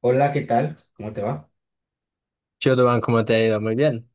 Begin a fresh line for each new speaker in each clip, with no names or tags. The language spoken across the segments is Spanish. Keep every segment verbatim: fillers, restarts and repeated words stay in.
Hola, ¿qué tal? ¿Cómo te va?
Shotoban, ¿cómo te ha ido? Muy bien.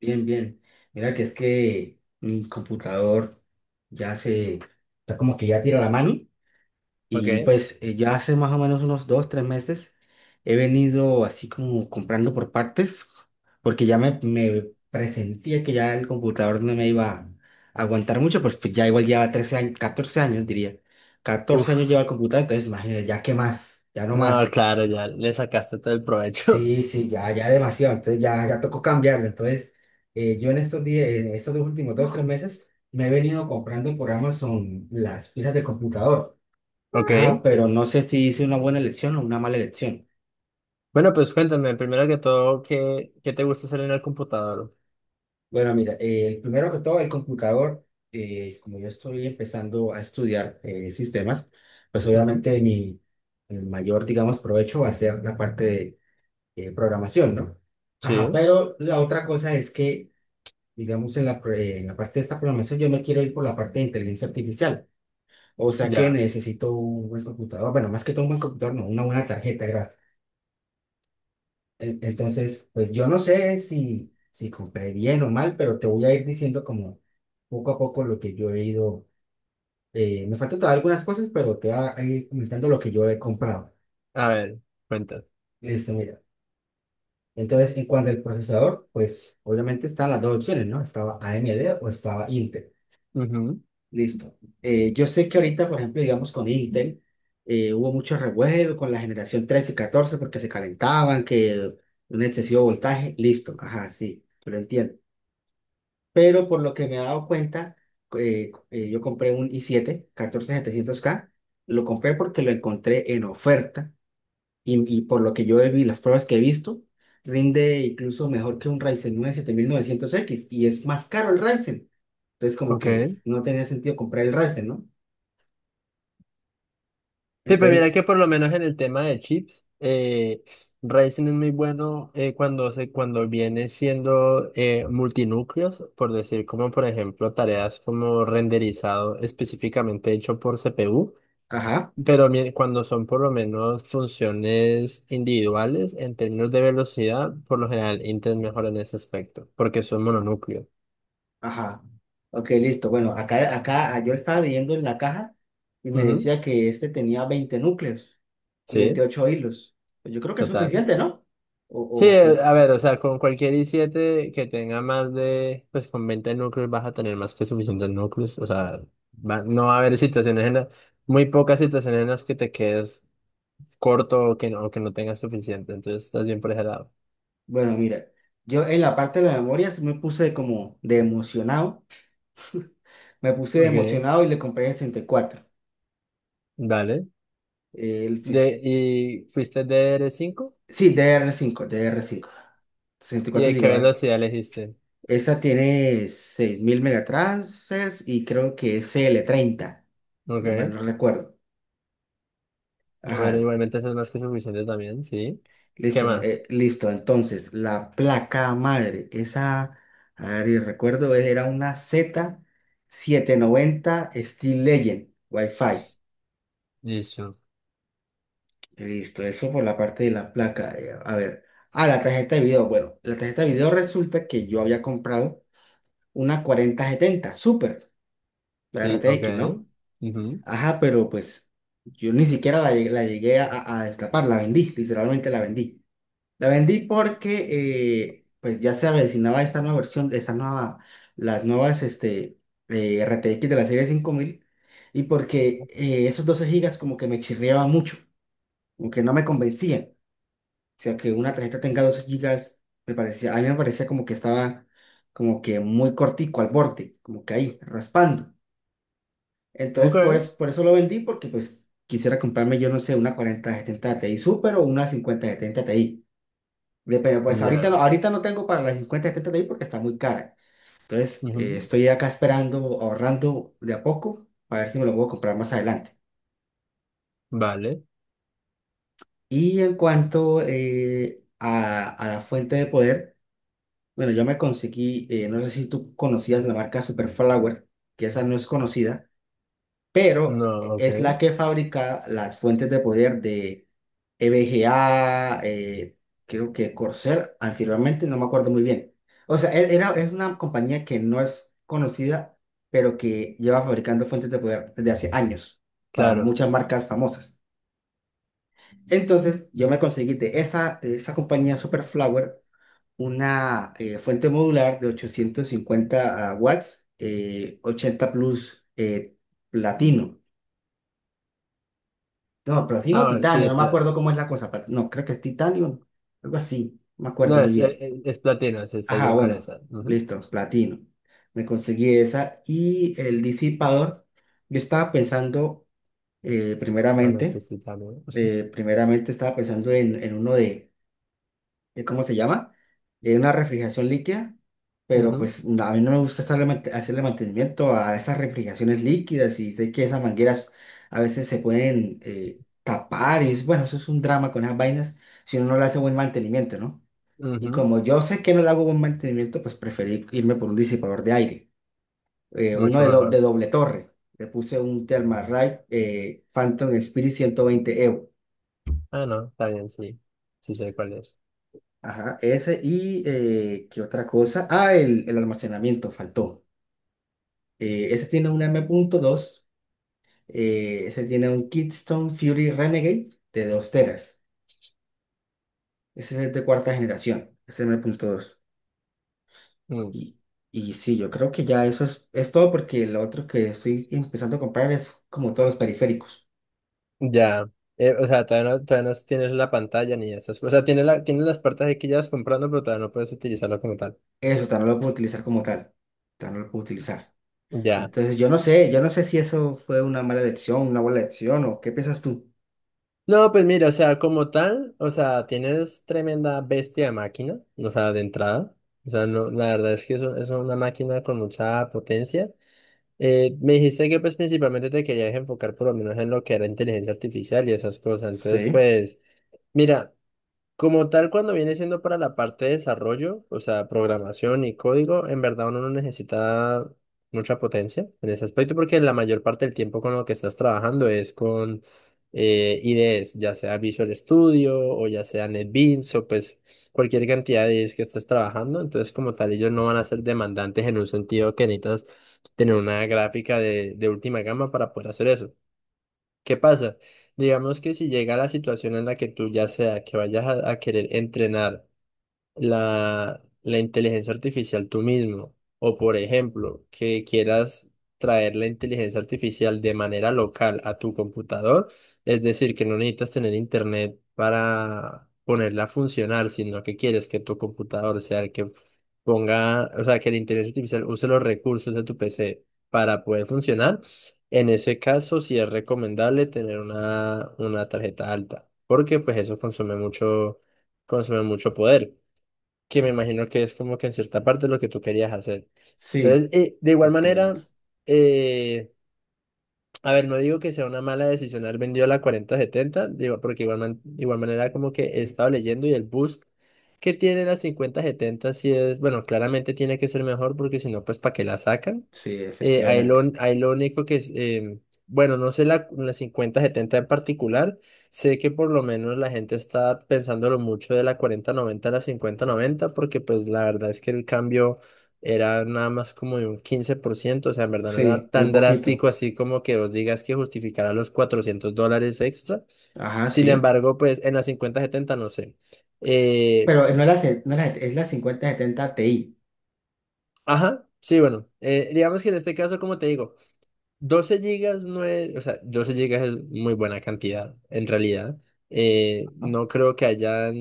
Bien, bien. Mira que es que mi computador ya se, está como que ya tira la mano y
Ok.
pues eh, ya hace más o menos unos dos, tres meses he venido así como comprando por partes porque ya me, me presentía que ya el computador no me iba a aguantar mucho, pues, pues ya igual lleva trece años, catorce años diría. Catorce años
Uf.
lleva el computador, entonces imagínate, ya qué más, ya no más.
No, claro, ya le sacaste todo el provecho.
Sí, sí, ya, ya demasiado, entonces ya, ya tocó cambiarlo. Entonces, eh, yo en estos días, en estos dos últimos dos, tres meses, me he venido comprando por Amazon las piezas del computador.
Ok.
Ajá, pero no sé si hice una buena elección o una mala elección.
Bueno, pues cuéntame, primero que todo, ¿qué, qué te gusta hacer en el computador?
Bueno, mira, eh, primero que todo, el computador, eh, como yo estoy empezando a estudiar eh, sistemas, pues
Ujú.
obviamente mi el mayor, digamos, provecho va a ser la parte de eh, programación, ¿no? Ajá,
Sí,
pero la otra cosa es que digamos, en la, pro- en la parte de esta programación, yo me quiero ir por la parte de inteligencia artificial. O sea que
ya.
necesito un buen computador. Bueno, más que todo un buen computador, no, una buena tarjeta gráfica. En- Entonces, pues yo no sé si, si compré bien o mal, pero te voy a ir diciendo como poco a poco lo que yo he ido. Eh, me faltan todavía algunas cosas, pero te voy a ir comentando lo que yo he comprado.
A ver, cuéntame.
Listo, mira. Entonces, en cuanto al procesador, pues obviamente están las dos opciones, ¿no? Estaba A M D o estaba Intel.
Ujú.
Listo. Eh, yo sé que ahorita, por ejemplo, digamos con Intel, eh, hubo mucho revuelo con la generación trece y catorce porque se calentaban, que un excesivo voltaje. Listo. Ajá, sí, yo lo entiendo. Pero por lo que me he dado cuenta, eh, eh, yo compré un i siete catorce setecientos k. Lo compré porque lo encontré en oferta y, y por lo que yo vi, las pruebas que he visto, rinde incluso mejor que un Ryzen nueve siete mil novecientos x y es más caro el Ryzen. Entonces, como que
Ok.
no tenía sentido comprar el Ryzen, ¿no?
Sí, pues mira
Entonces,
que por lo menos en el tema de chips, eh, Ryzen es muy bueno eh, cuando se, cuando viene siendo eh, multinúcleos, por decir, como por ejemplo tareas como renderizado específicamente hecho por C P U.
ajá,
Pero mi- cuando son por lo menos funciones individuales, en términos de velocidad, por lo general Intel mejora en ese aspecto, porque son mononúcleo.
ajá. Ok, listo. Bueno, acá, acá yo estaba leyendo en la caja y me
Ujú,
decía que este tenía veinte núcleos y
sí,
veintiocho hilos. Pues yo creo que es
total.
suficiente, ¿no? O,
Sí,
o
eh,
que,
a ver, o sea, con cualquier i siete que tenga más de, pues con veinte núcleos vas a tener más que suficientes núcleos, o sea, va- no va a haber situaciones en las, muy pocas situaciones en las que te quedes corto o que no, o que no tengas suficiente, entonces estás bien por ese lado.
bueno, mira, yo en la parte de la memoria sí me puse como de emocionado. Me puse de
Ok,
emocionado y le compré el cuatro.
dale.
El, fis-
De, ¿y fuiste de r cinco?
sí, ddr cinco, ddr y
¿Y
cuatro
de qué
gigabytes.
velocidad le hiciste?
Esa tiene seis mil megatransfers y creo que es cl treinta si mal
Ok.
no recuerdo.
Bueno,
Ajá,
igualmente eso es más que suficiente también, ¿sí? ¿Qué
listo,
más?
eh, listo. Entonces, la placa madre, esa, a ver, y recuerdo, era una z setecientos noventa Steel Legend Wi-Fi.
Listo.
Listo, eso por la parte de la placa. eh, A ver, ah, la tarjeta de video. Bueno, la tarjeta de video resulta que yo había comprado una cuarenta setenta Super, la
Sí, ok.
R T X, ¿no?
Ujú.
Ajá, pero pues yo ni siquiera la, llegué- la llegué a, a destapar, la vendí, literalmente la vendí. La vendí porque eh, pues ya se avecinaba esta nueva versión, esta nueva, las nuevas este, eh, R T X de la serie cinco mil y porque eh, esos doce gigas como que me chirriaba mucho, como que no me convencían. O sea, que una tarjeta tenga doce gigas, me parecía, a mí me parecía como que estaba como que muy cortico al borde, como que ahí, raspando. Entonces, por,
Ok.
es- por eso lo vendí, porque pues quisiera comprarme, yo no sé, una cuarenta setenta Ti Super o una cincuenta setenta Ti. Depende, pues ahorita no,
Ya.
ahorita no tengo para la cincuenta setenta Ti porque está muy cara. Entonces, eh,
Ujú.
estoy acá esperando, ahorrando de a poco, para ver si me lo puedo comprar más adelante.
Vale.
Y en cuanto eh, a, a la fuente de poder, bueno, yo me conseguí, eh, no sé si tú conocías la marca Superflower, que esa no es conocida pero
No, ok.
es la que fabrica las fuentes de poder de E V G A, eh, creo que Corsair, anteriormente, no me acuerdo muy bien. O sea, e- era, es una compañía que no es conocida, pero que lleva fabricando fuentes de poder desde hace años para
Claro.
muchas marcas famosas. Entonces, yo me conseguí de esa, de esa compañía Superflower una eh, fuente modular de ochocientos cincuenta watts, eh, ochenta plus eh, platino. No, platino
Ah,
o
bueno,
titanio,
sí,
no me
pla-
acuerdo cómo es la cosa. plat- No, creo que es titanio, algo así, no me
no,
acuerdo muy
es, es,
bien.
es platino, si estás
Ajá,
bien con
bueno,
esa. Ujú.
listo, platino. Me conseguí esa y el disipador. Yo estaba pensando, eh,
Ah, no, sí,
primeramente,
sí, también.
eh, primeramente estaba pensando en, en uno de eh, ¿cómo se llama? Eh, una refrigeración líquida, pero
Ujú,
pues no, a mí no me gusta estarle mante- hacerle mantenimiento a esas refrigeraciones líquidas y sé que esas mangueras a veces se pueden eh, tapar y es- bueno, eso es un drama con esas vainas si uno no le hace buen mantenimiento, ¿no? Y
ujú.
como yo sé que no le hago buen mantenimiento, pues preferí irme por un disipador de aire, eh, uno
Mucho
de, do- de
mejor.
doble torre. Le puse un Thermalright eh, Phantom Spirit ciento veinte.
Ah, no, está bien, sí. Sí sé cuál es.
Ajá, ese y eh, ¿qué otra cosa? Ah, el, el almacenamiento faltó. Eh, ese tiene un m M.dos, eh, ese tiene un Keystone Fury Renegade de dos teras. Ese es de cuarta generación, ese m punto dos.
Mm.
Y, y sí, yo creo que ya eso es, es todo porque lo otro que estoy empezando a comprar es como todos los periféricos.
Ya, eh, o sea, todavía no, todavía no tienes la pantalla ni esas. O sea, tienes la, tienes las partes ahí que llevas comprando, pero todavía no puedes utilizarlo como tal.
Eso tan no lo puedo utilizar como tal, tan no lo puedo utilizar.
Ya.
Entonces yo no sé, yo no sé si eso fue una mala elección, una buena elección o qué piensas tú.
No, pues mira, o sea, como tal, o sea, tienes tremenda bestia de máquina, o sea, de entrada. O sea, no, la verdad es que es, un- es una máquina con mucha potencia. Eh, me dijiste que pues principalmente te querías enfocar por lo menos en lo que era inteligencia artificial y esas cosas. Entonces,
Sí.
pues, mira. Como tal, cuando viene siendo para la parte de desarrollo, o sea, programación y código, en verdad uno no necesita mucha potencia en ese aspecto porque la mayor parte del tiempo con lo que estás trabajando es con eh, IDEs, ya sea Visual Studio o ya sea NetBeans o pues cualquier cantidad de IDEs que estés trabajando. Entonces, como tal, ellos no van a ser demandantes en un sentido que necesitas tener una gráfica de, de última gama para poder hacer eso. ¿Qué pasa? Digamos que si llega la situación en la que tú ya sea que vayas a, a querer entrenar la, la inteligencia artificial tú mismo. O por ejemplo, que quieras traer la inteligencia artificial de manera local a tu computador. Es decir, que no necesitas tener internet para ponerla a funcionar, sino que quieres que tu computador sea el que ponga, o sea, que la inteligencia artificial use los recursos de tu P C para poder funcionar. En ese caso, sí es recomendable tener una, una tarjeta alta, porque pues eso consume mucho, consume mucho poder que me imagino que es como que en cierta parte lo que tú querías hacer.
Sí,
Entonces, eh, de igual
efectivamente.
manera, eh, a ver, no digo que sea una mala decisión haber vendido la cuarenta setenta, digo, porque igual, man- igual manera como que he estado leyendo y el boost que tiene la cincuenta setenta sí es, bueno, claramente tiene que ser mejor porque si no, pues ¿para qué la sacan?
Sí,
Eh, ahí
efectivamente.
lo, ahí lo único que es, eh, bueno, no sé la, la cincuenta setenta en particular, sé que por lo menos la gente está pensándolo mucho de la cuarenta noventa a la cincuenta noventa porque pues la verdad es que el cambio era nada más como de un quince por ciento, o sea, en verdad no
Sí,
era
muy
tan
poquito.
drástico así como que vos digas que justificará los cuatrocientos dólares extra.
Ajá,
Sin
sí.
embargo, pues en la cincuenta setenta no sé. Eh,
Pero no es la, ce- no es la, es la cincuenta setenta Ti,
ajá, sí, bueno, eh, digamos que en este caso, como te digo, doce gigas no es, o sea, doce gigas es muy buena cantidad, en realidad. Eh,
¿no?
no creo que haya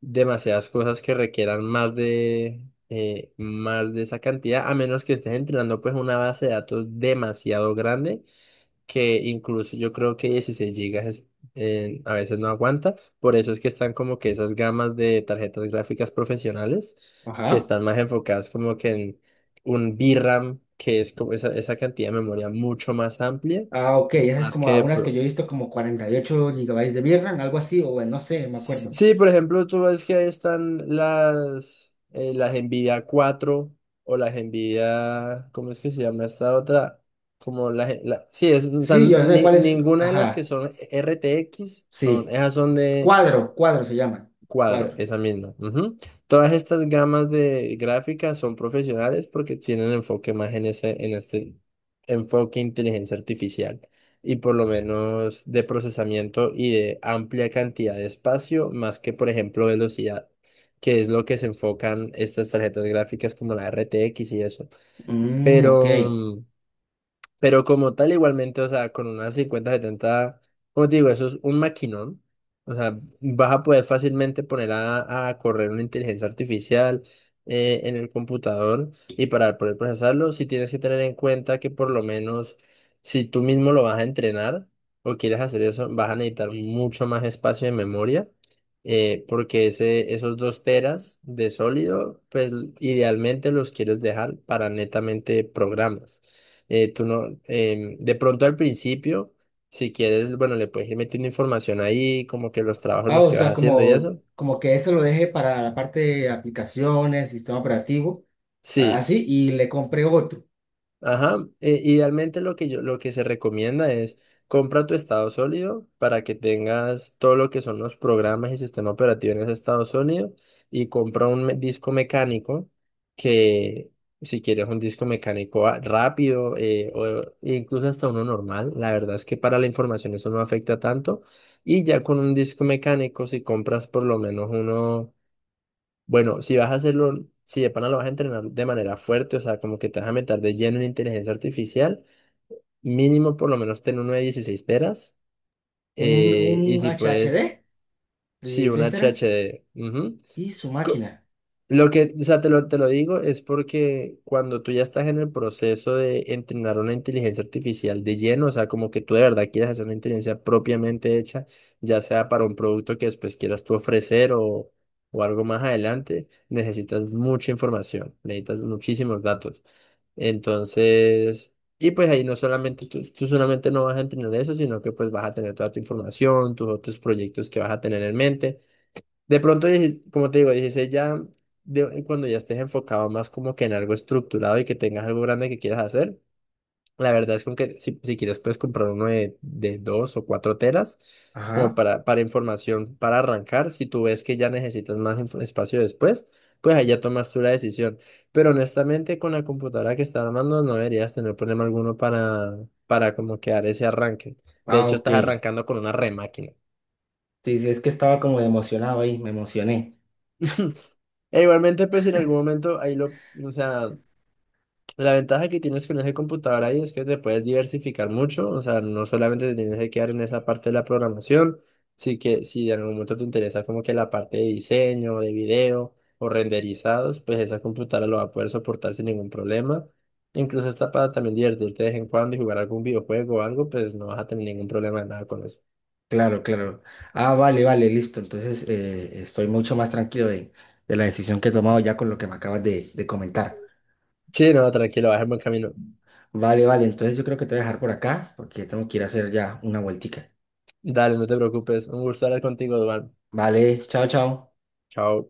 demasiadas cosas que requieran más de, eh, más de esa cantidad, a menos que estés entrenando pues una base de datos demasiado grande, que incluso yo creo que dieciséis gigas es- eh, a veces no aguanta, por eso es que están como que esas gamas de tarjetas gráficas profesionales que
Ajá.
están más enfocadas como que en un VRAM, que es como esa, esa cantidad de memoria mucho más amplia,
Ah, ok. Esas es
más
como
que...
algunas que yo he visto como cuarenta y ocho gigabytes de V RAM, algo así, o bueno, no sé, me acuerdo.
Sí, por ejemplo, tú ves que ahí están las, eh, las Nvidia cuatro o las Nvidia, ¿cómo es que se llama esta otra? Como la, gen- la- sí, es- o sea,
Sí, yo sé
ni-
cuál es.
ninguna de las que
Ajá,
son R T X son,
sí.
esas son de,
Cuadro, cuadro se llaman.
Cuadro,
Cuadro.
esa misma. Ujú. Todas estas gamas de gráficas son profesionales porque tienen enfoque más en ese, en este enfoque inteligencia artificial y por lo menos de procesamiento y de amplia cantidad de espacio, más que por ejemplo velocidad, que es lo que se enfocan estas tarjetas gráficas como la R T X y eso.
Mm, ok.
Pero mm, pero como tal, igualmente, o sea, con unas cincuenta setenta como te digo, eso es un maquinón. O sea, vas a poder fácilmente poner a, a correr una inteligencia artificial eh, en el computador y para poder procesarlo, si tienes que tener en cuenta que por lo menos si tú mismo lo vas a entrenar o quieres hacer eso, vas a necesitar mucho más espacio de memoria. eh, porque ese, esos dos teras de sólido, pues idealmente los quieres dejar para netamente programas. Eh, tú no, em, de pronto al principio, si quieres, bueno, le puedes ir metiendo información ahí, como que los trabajos
Ah,
los
o
que vas
sea,
haciendo y
como,
eso.
como que eso lo dejé para la parte de aplicaciones, sistema operativo,
Sí.
así, y le compré otro.
Ajá, eh, idealmente lo que yo, lo que se recomienda es compra tu estado sólido para que tengas todo lo que son los programas y sistema operativo en ese estado sólido y compra un me- disco mecánico que si quieres un disco mecánico a- rápido eh, o incluso hasta uno normal, la verdad es que para la información eso no afecta tanto y ya con un disco mecánico si compras por lo menos uno bueno, si vas a hacerlo, si de pana lo vas a entrenar de manera fuerte, o sea, como que te vas a meter de lleno en inteligencia artificial, mínimo por lo menos ten uno de dieciséis teras.
Un, un
eh, y si
h h d
puedes,
de
si una
dieciséis teras
H H,
y su máquina.
lo que, o sea, te lo, te lo digo es porque cuando tú ya estás en el proceso de entrenar una inteligencia artificial de lleno, o sea, como que tú de verdad quieres hacer una inteligencia propiamente hecha, ya sea para un producto que después quieras tú ofrecer o, o algo más adelante, necesitas mucha información, necesitas muchísimos datos. Entonces, y pues ahí no solamente tú, tú solamente no vas a entrenar eso, sino que pues vas a tener toda tu información, tus otros proyectos que vas a tener en mente. De pronto, dieci- como te digo, dieciséis ya, de- cuando ya estés enfocado más como que en algo estructurado y que tengas algo grande que quieras hacer, la verdad es como que si, si quieres puedes comprar uno de, de dos o cuatro telas como
Ajá.
para, para información, para arrancar. Si tú ves que ya necesitas más info- espacio después, pues ahí ya tomas tú la decisión. Pero honestamente, con la computadora que estás armando no deberías tener problema alguno para, para como que dar ese arranque. De
Ah,
hecho,
ok.
estás
Sí,
arrancando con una remáquina.
sí, es que estaba como emocionado ahí, me emocioné.
E igualmente, pues si en algún momento ahí lo, o sea, la ventaja que tienes con ese computador ahí es que te puedes diversificar mucho, o sea, no solamente te tienes que quedar en esa parte de la programación, sí que si en algún momento te interesa como que la parte de diseño, de video o renderizados, pues esa computadora lo va a poder soportar sin ningún problema. Incluso hasta para también divertirte de vez en cuando y jugar algún videojuego o algo, pues no vas a tener ningún problema de nada con eso.
Claro, claro. Ah, vale, vale, listo. Entonces eh, estoy mucho más tranquilo de, de la decisión que he tomado ya con lo que me acabas de, de comentar.
Sí, no, tranquilo, vas en buen camino.
Vale, vale, entonces yo creo que te voy a dejar por acá porque tengo que ir a hacer ya una vueltica.
Dale, no te preocupes. Un gusto hablar contigo, Duan.
Vale, chao, chao.
Chao.